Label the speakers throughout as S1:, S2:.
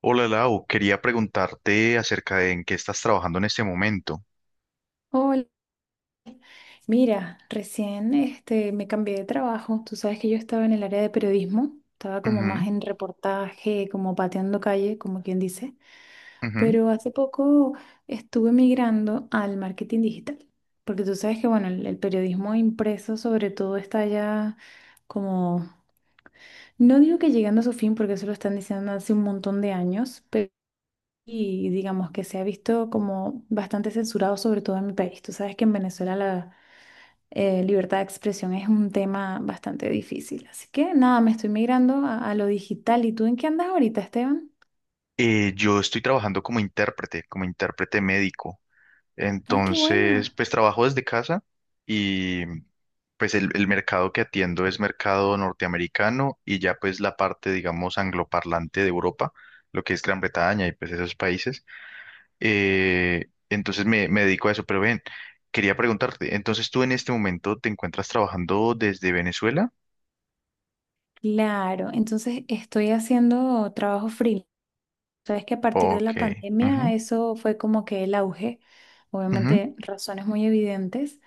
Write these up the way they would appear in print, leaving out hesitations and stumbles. S1: Hola Lau, quería preguntarte acerca de en qué estás trabajando en este momento.
S2: Hola, mira, recién este, me cambié de trabajo. Tú sabes que yo estaba en el área de periodismo, estaba como más
S1: Ujú,
S2: en reportaje, como pateando calle, como quien dice,
S1: ujú.
S2: pero hace poco estuve migrando al marketing digital, porque tú sabes que, bueno, el periodismo impreso sobre todo está ya como, no digo que llegando a su fin, porque eso lo están diciendo hace un montón de años, pero... Y digamos que se ha visto como bastante censurado, sobre todo en mi país. Tú sabes que en Venezuela la, libertad de expresión es un tema bastante difícil. Así que nada, me estoy migrando a lo digital. ¿Y tú en qué andas ahorita, Esteban?
S1: Yo estoy trabajando como intérprete médico.
S2: Ay, qué
S1: Entonces,
S2: buena.
S1: pues trabajo desde casa y pues el mercado que atiendo es mercado norteamericano y ya pues la parte, digamos, angloparlante de Europa, lo que es Gran Bretaña y pues esos países. Entonces me dedico a eso, pero ven, quería preguntarte, entonces tú en este momento te encuentras trabajando desde Venezuela.
S2: Claro, entonces estoy haciendo trabajo freelance. Sabes que a partir de
S1: Ok.
S2: la
S1: Ujú,
S2: pandemia eso fue como que el auge,
S1: ujú,
S2: obviamente razones muy evidentes.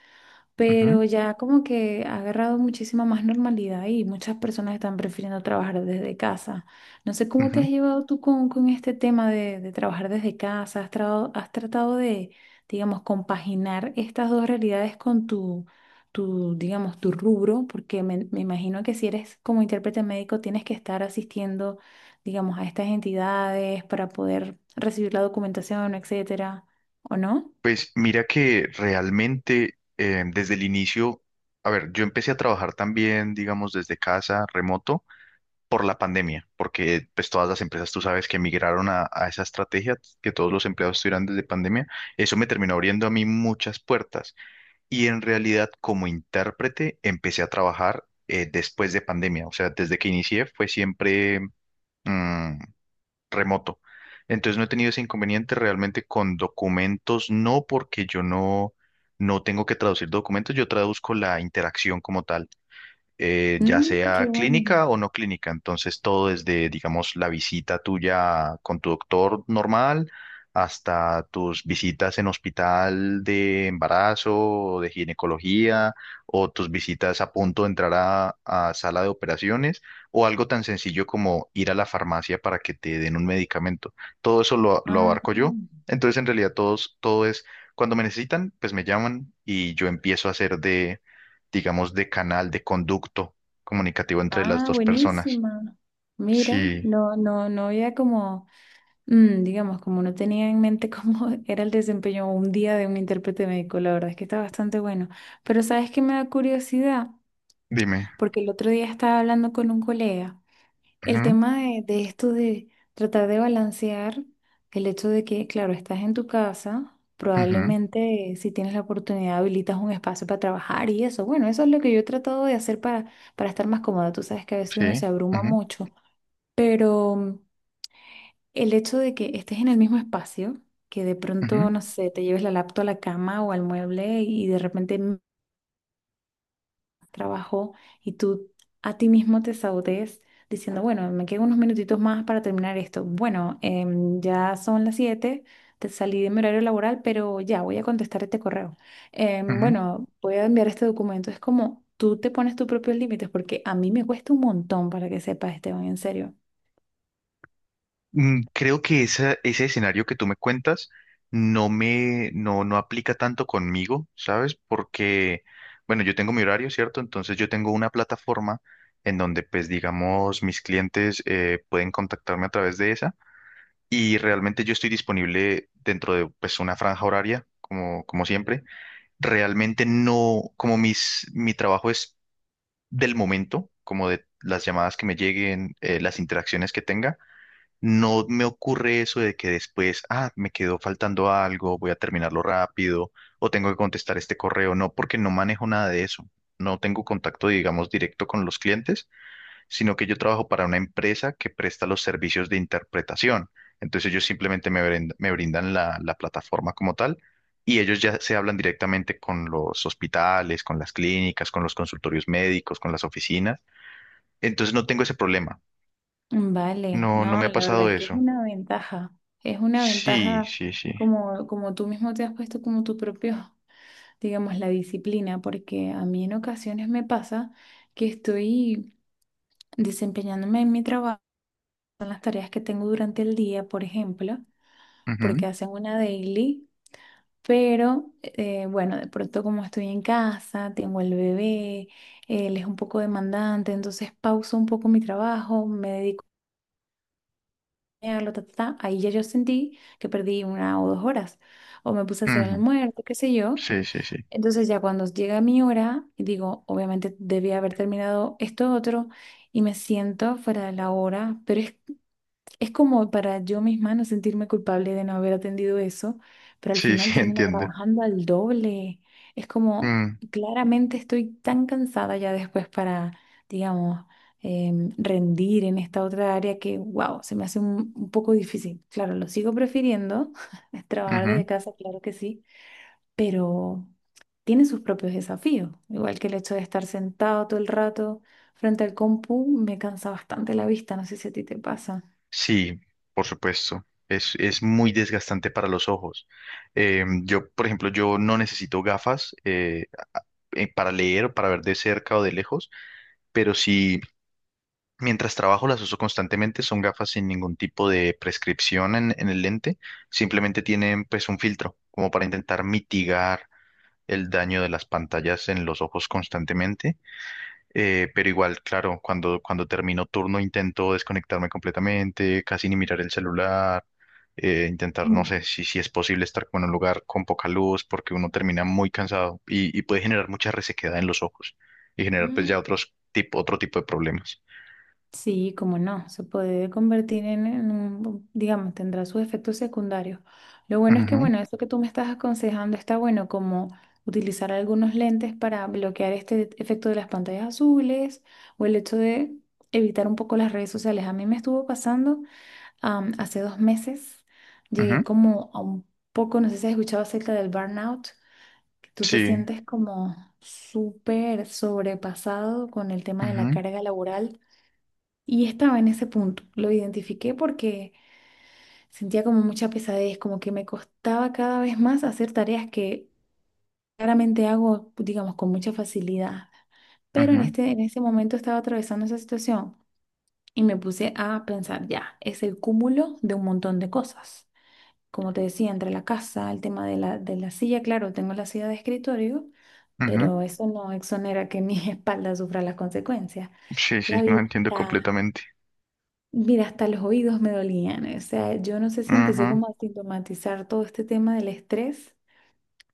S1: ujú,
S2: Pero ya como que ha agarrado muchísima más normalidad y muchas personas están prefiriendo trabajar desde casa. No sé cómo te has
S1: ujú.
S2: llevado tú con este tema de trabajar desde casa. ¿Has, has tratado de, digamos, compaginar estas dos realidades con tu, tu, digamos, tu rubro? Porque me imagino que si eres como intérprete médico tienes que estar asistiendo, digamos, a estas entidades para poder recibir la documentación, etcétera, ¿o no?
S1: Pues mira que realmente desde el inicio, a ver, yo empecé a trabajar también, digamos, desde casa, remoto, por la pandemia, porque pues todas las empresas, tú sabes, que migraron a esa estrategia, que todos los empleados estuvieran desde pandemia, eso me terminó abriendo a mí muchas puertas. Y en realidad, como intérprete, empecé a trabajar después de pandemia, o sea, desde que inicié fue siempre... mm, remoto. Entonces no he tenido ese inconveniente realmente con documentos, no porque yo no, no tengo que traducir documentos, yo traduzco la interacción como tal ya
S2: Mm, qué
S1: sea
S2: bueno.
S1: clínica o no clínica. Entonces, todo desde, digamos, la visita tuya con tu doctor normal hasta tus visitas en hospital de embarazo o de ginecología o tus visitas a punto de entrar a sala de operaciones o algo tan sencillo como ir a la farmacia para que te den un medicamento. Todo eso lo
S2: Ah.
S1: abarco yo. Entonces, en realidad, todo es, cuando me necesitan, pues me llaman y yo empiezo a hacer de digamos, de canal, de conducto comunicativo entre las
S2: Ah,
S1: dos personas.
S2: buenísima. Mira,
S1: Sí,
S2: no, no, no había como, digamos, como no tenía en mente cómo era el desempeño un día de un intérprete médico, la verdad es que está bastante bueno. Pero ¿sabes qué me da curiosidad?
S1: dime.
S2: Porque el otro día estaba hablando con un colega. El
S1: Ujú,
S2: tema de esto de tratar de balancear el hecho de que, claro, estás en tu casa,
S1: ujú,
S2: probablemente si tienes la oportunidad habilitas un espacio para trabajar y eso. Bueno, eso es lo que yo he tratado de hacer para estar más cómoda. Tú sabes que a veces uno
S1: sí,
S2: se abruma
S1: ujú,
S2: mucho, pero el hecho de que estés en el mismo espacio, que de pronto,
S1: ujú,
S2: no sé, te lleves la laptop a la cama o al mueble y de repente trabajo y tú a ti mismo te sabotees diciendo, bueno, me quedan unos minutitos más para terminar esto. Bueno, ya son las siete, te salí de mi horario laboral, pero ya voy a contestar este correo.
S1: ujú.
S2: Bueno, voy a enviar este documento. Es como tú te pones tus propios límites, porque a mí me cuesta un montón para que sepas, Esteban, en serio.
S1: Creo que ese escenario que tú me cuentas no me, no, no aplica tanto conmigo, ¿sabes? Porque, bueno, yo tengo mi horario, ¿cierto? Entonces yo tengo una plataforma en donde, pues, digamos, mis clientes pueden contactarme a través de esa y realmente yo estoy disponible dentro de, pues, una franja horaria, como, como siempre realmente no, como mi trabajo es del momento, como de las llamadas que me lleguen, las interacciones que tenga, no me ocurre eso de que después, ah, me quedó faltando algo, voy a terminarlo rápido o tengo que contestar este correo. No, porque no manejo nada de eso. No tengo contacto, digamos, directo con los clientes sino que yo trabajo para una empresa que presta los servicios de interpretación. Entonces ellos simplemente me brindan la plataforma como tal y ellos ya se hablan directamente con los hospitales, con las clínicas, con los consultorios médicos, con las oficinas. Entonces no tengo ese problema.
S2: Vale,
S1: No, no me
S2: no,
S1: ha
S2: la verdad
S1: pasado
S2: es que
S1: eso.
S2: es una
S1: Sí,
S2: ventaja
S1: sí, sí.
S2: como, como tú mismo te has puesto como tu propio, digamos, la disciplina, porque a mí en ocasiones me pasa que estoy desempeñándome en mi trabajo, en las tareas que tengo durante el día, por ejemplo,
S1: Ujú,
S2: porque hacen una daily, pero bueno, de pronto como estoy en casa, tengo el bebé, él es un poco demandante, entonces pauso un poco mi trabajo, me dedico a bañarlo, ta, ta, ta, ahí ya yo sentí que perdí una o dos horas, o me puse a hacer el
S1: ujú.
S2: almuerzo, qué sé yo.
S1: Sí, sí, sí.
S2: Entonces ya cuando llega mi hora, digo, obviamente debía haber terminado esto otro y me siento fuera de la hora, pero es como para yo misma no sentirme culpable de no haber atendido eso, pero al
S1: Sí,
S2: final
S1: sí,
S2: termino
S1: entiendo.
S2: trabajando al doble. Es como,
S1: Mm,
S2: claramente estoy tan cansada ya después para, digamos, rendir en esta otra área que, wow, se me hace un poco difícil. Claro, lo sigo prefiriendo, trabajar
S1: ujú.
S2: desde casa, claro que sí, pero tiene sus propios desafíos. Igual que el hecho de estar sentado todo el rato frente al compu me cansa bastante la vista, no sé si a ti te pasa.
S1: Sí, por supuesto. Es muy desgastante para los ojos. Yo, por ejemplo, yo no necesito gafas para leer o para ver de cerca o de lejos, pero sí, mientras trabajo las uso constantemente, son gafas sin ningún tipo de prescripción en el lente, simplemente tienen pues un filtro como para intentar mitigar el daño de las pantallas en los ojos constantemente pero igual, claro, cuando termino turno intento desconectarme completamente, casi ni mirar el celular, intentar, no sé,
S2: Mm.
S1: si es posible estar como en un lugar con poca luz, porque uno termina muy cansado y puede generar mucha resequedad en los ojos y generar pues
S2: Mm.
S1: ya otro tipo de problemas.
S2: Sí, como no, se puede convertir en un, digamos, tendrá sus efectos secundarios. Lo bueno es que, bueno, eso que tú me estás aconsejando está bueno, como utilizar algunos lentes para bloquear este efecto de las pantallas azules o el hecho de evitar un poco las redes sociales. A mí me estuvo pasando. Hace 2 meses
S1: Ujú, ujú,
S2: llegué como a un poco, no sé si has escuchado acerca del burnout, que tú te
S1: sí,
S2: sientes como súper sobrepasado con el tema de la
S1: ujú,
S2: carga laboral. Y estaba en ese punto. Lo identifiqué porque sentía como mucha pesadez, como que me costaba cada vez más hacer tareas que claramente hago, digamos, con mucha facilidad. Pero en
S1: ujú,
S2: este, en ese momento estaba atravesando esa situación y me puse a pensar, ya, es el cúmulo de un montón de cosas, como te decía, entre la casa, el tema de la silla, claro, tengo la silla de escritorio,
S1: ujú,
S2: pero eso no exonera que mi espalda sufra las consecuencias.
S1: sí, sí,
S2: La
S1: no entiendo
S2: vista,
S1: completamente.
S2: mira, hasta los oídos me dolían. O sea, yo no sé si empecé
S1: Ujú,
S2: como a sintomatizar todo este tema del estrés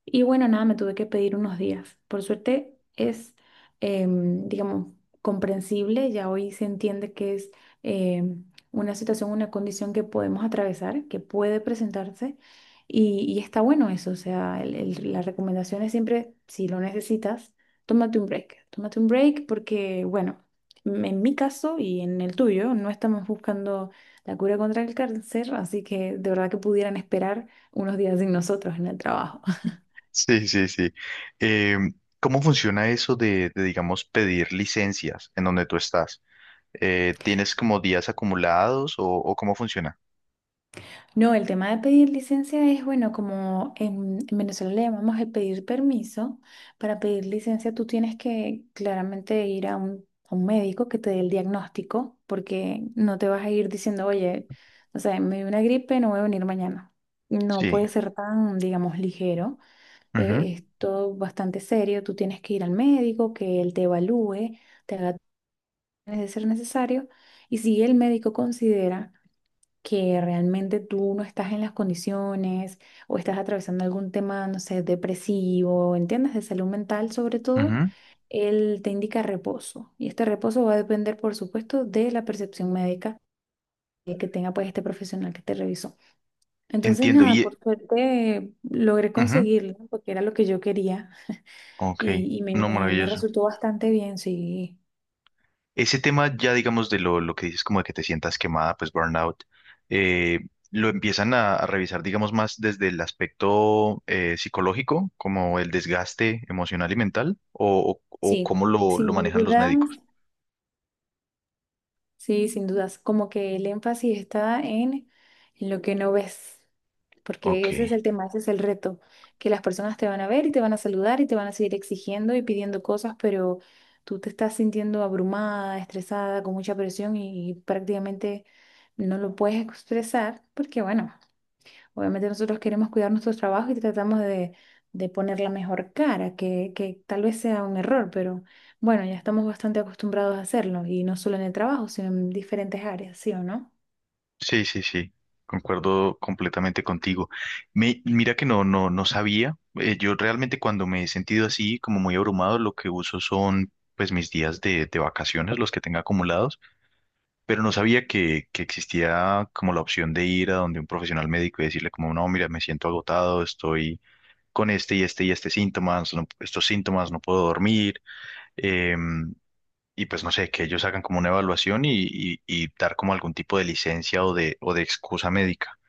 S2: y bueno, nada, me tuve que pedir unos días. Por suerte es, digamos, comprensible, ya hoy se entiende que es em, una situación, una condición que podemos atravesar, que puede presentarse, y está bueno eso. O sea, la recomendación es siempre, si lo necesitas, tómate un break. Tómate un break porque, bueno, en mi caso y en el tuyo, no estamos buscando la cura contra el cáncer, así que de verdad que pudieran esperar unos días sin nosotros en el trabajo.
S1: sí, sí, sí. Em, ¿Cómo funciona eso digamos, pedir licencias en donde tú estás? ¿Tienes como días acumulados o cómo funciona?
S2: No, el tema de pedir licencia es, bueno, como en Venezuela le llamamos el pedir permiso. Para pedir licencia tú tienes que claramente ir a un médico que te dé el diagnóstico, porque no te vas a ir diciendo, oye, o sea, me dio una gripe, no voy a venir mañana. No
S1: Sí.
S2: puede ser tan, digamos, ligero.
S1: Ujú,
S2: Es todo bastante serio. Tú tienes que ir al médico, que él te evalúe, te haga de ser necesario. Y si el médico considera que realmente tú no estás en las condiciones o estás atravesando algún tema, no sé, depresivo, ¿entiendes? De salud mental sobre todo,
S1: ujú.
S2: él te indica reposo. Y este reposo va a depender, por supuesto, de la percepción médica que tenga pues este profesional que te revisó. Entonces,
S1: Entiendo.
S2: nada,
S1: Y,
S2: por suerte logré
S1: ujú,
S2: conseguirlo, porque era lo que yo quería
S1: ok,
S2: y me,
S1: no,
S2: me
S1: maravilloso.
S2: resultó bastante bien, sí.
S1: Ese tema ya, digamos, de lo que dices, como de que te sientas quemada, pues burnout, eh, lo empiezan a revisar, digamos, más desde el aspecto psicológico, como el desgaste emocional y mental, o
S2: Sí.
S1: cómo lo
S2: Sin
S1: manejan los
S2: duda.
S1: médicos.
S2: Sí, sin dudas. Como que el énfasis está en lo que no ves,
S1: Ok.
S2: porque ese es el tema, ese es el reto, que las personas te van a ver y te van a saludar y te van a seguir exigiendo y pidiendo cosas, pero tú te estás sintiendo abrumada, estresada, con mucha presión y prácticamente no lo puedes expresar, porque bueno, obviamente nosotros queremos cuidar nuestro trabajo y tratamos de poner la mejor cara, que tal vez sea un error, pero bueno, ya estamos bastante acostumbrados a hacerlo, y no solo en el trabajo, sino en diferentes áreas, ¿sí o no?
S1: Sí, sí, sí, concuerdo completamente contigo. Me, mira que no, no, no sabía. Eh, yo realmente cuando me he sentido así, como muy abrumado, lo que uso son pues mis días de vacaciones, los que tenga acumulados, pero no sabía que existía como la opción de ir a donde un profesional médico y decirle como, no, mira, me siento agotado, estoy con este y este y este síntomas, estos síntomas, no puedo dormir. em, y pues no sé, que ellos hagan como una evaluación y dar como algún tipo de licencia o de excusa médica.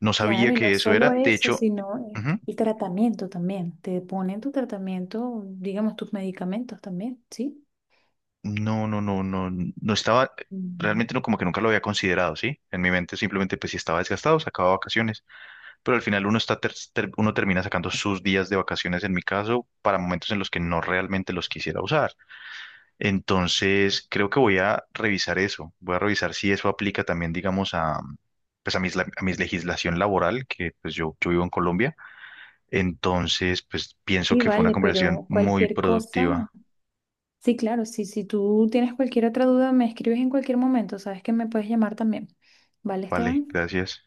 S1: No sabía
S2: Claro, y no
S1: que eso
S2: solo
S1: era. De
S2: eso,
S1: hecho,
S2: sino
S1: ujú,
S2: el tratamiento también. Te ponen tu tratamiento, digamos, tus medicamentos también, ¿sí?
S1: no, no, no, no, no estaba,
S2: Ujú.
S1: realmente no, como que nunca lo había considerado, ¿sí? En mi mente simplemente, pues si estaba desgastado, sacaba vacaciones. Pero al final uno está, uno termina sacando sus días de vacaciones, en mi caso, para momentos en los que no realmente los quisiera usar. Entonces, creo que voy a revisar eso. Voy a revisar si eso aplica también, digamos, a, pues a a mis legislación laboral, que pues yo vivo en Colombia. Entonces, pues pienso
S2: Sí,
S1: que fue una
S2: vale,
S1: conversación
S2: pero
S1: muy
S2: cualquier cosa.
S1: productiva.
S2: Sí, claro, sí, si tú tienes cualquier otra duda, me escribes en cualquier momento, sabes que me puedes llamar también. ¿Vale,
S1: Vale,
S2: Esteban?
S1: gracias.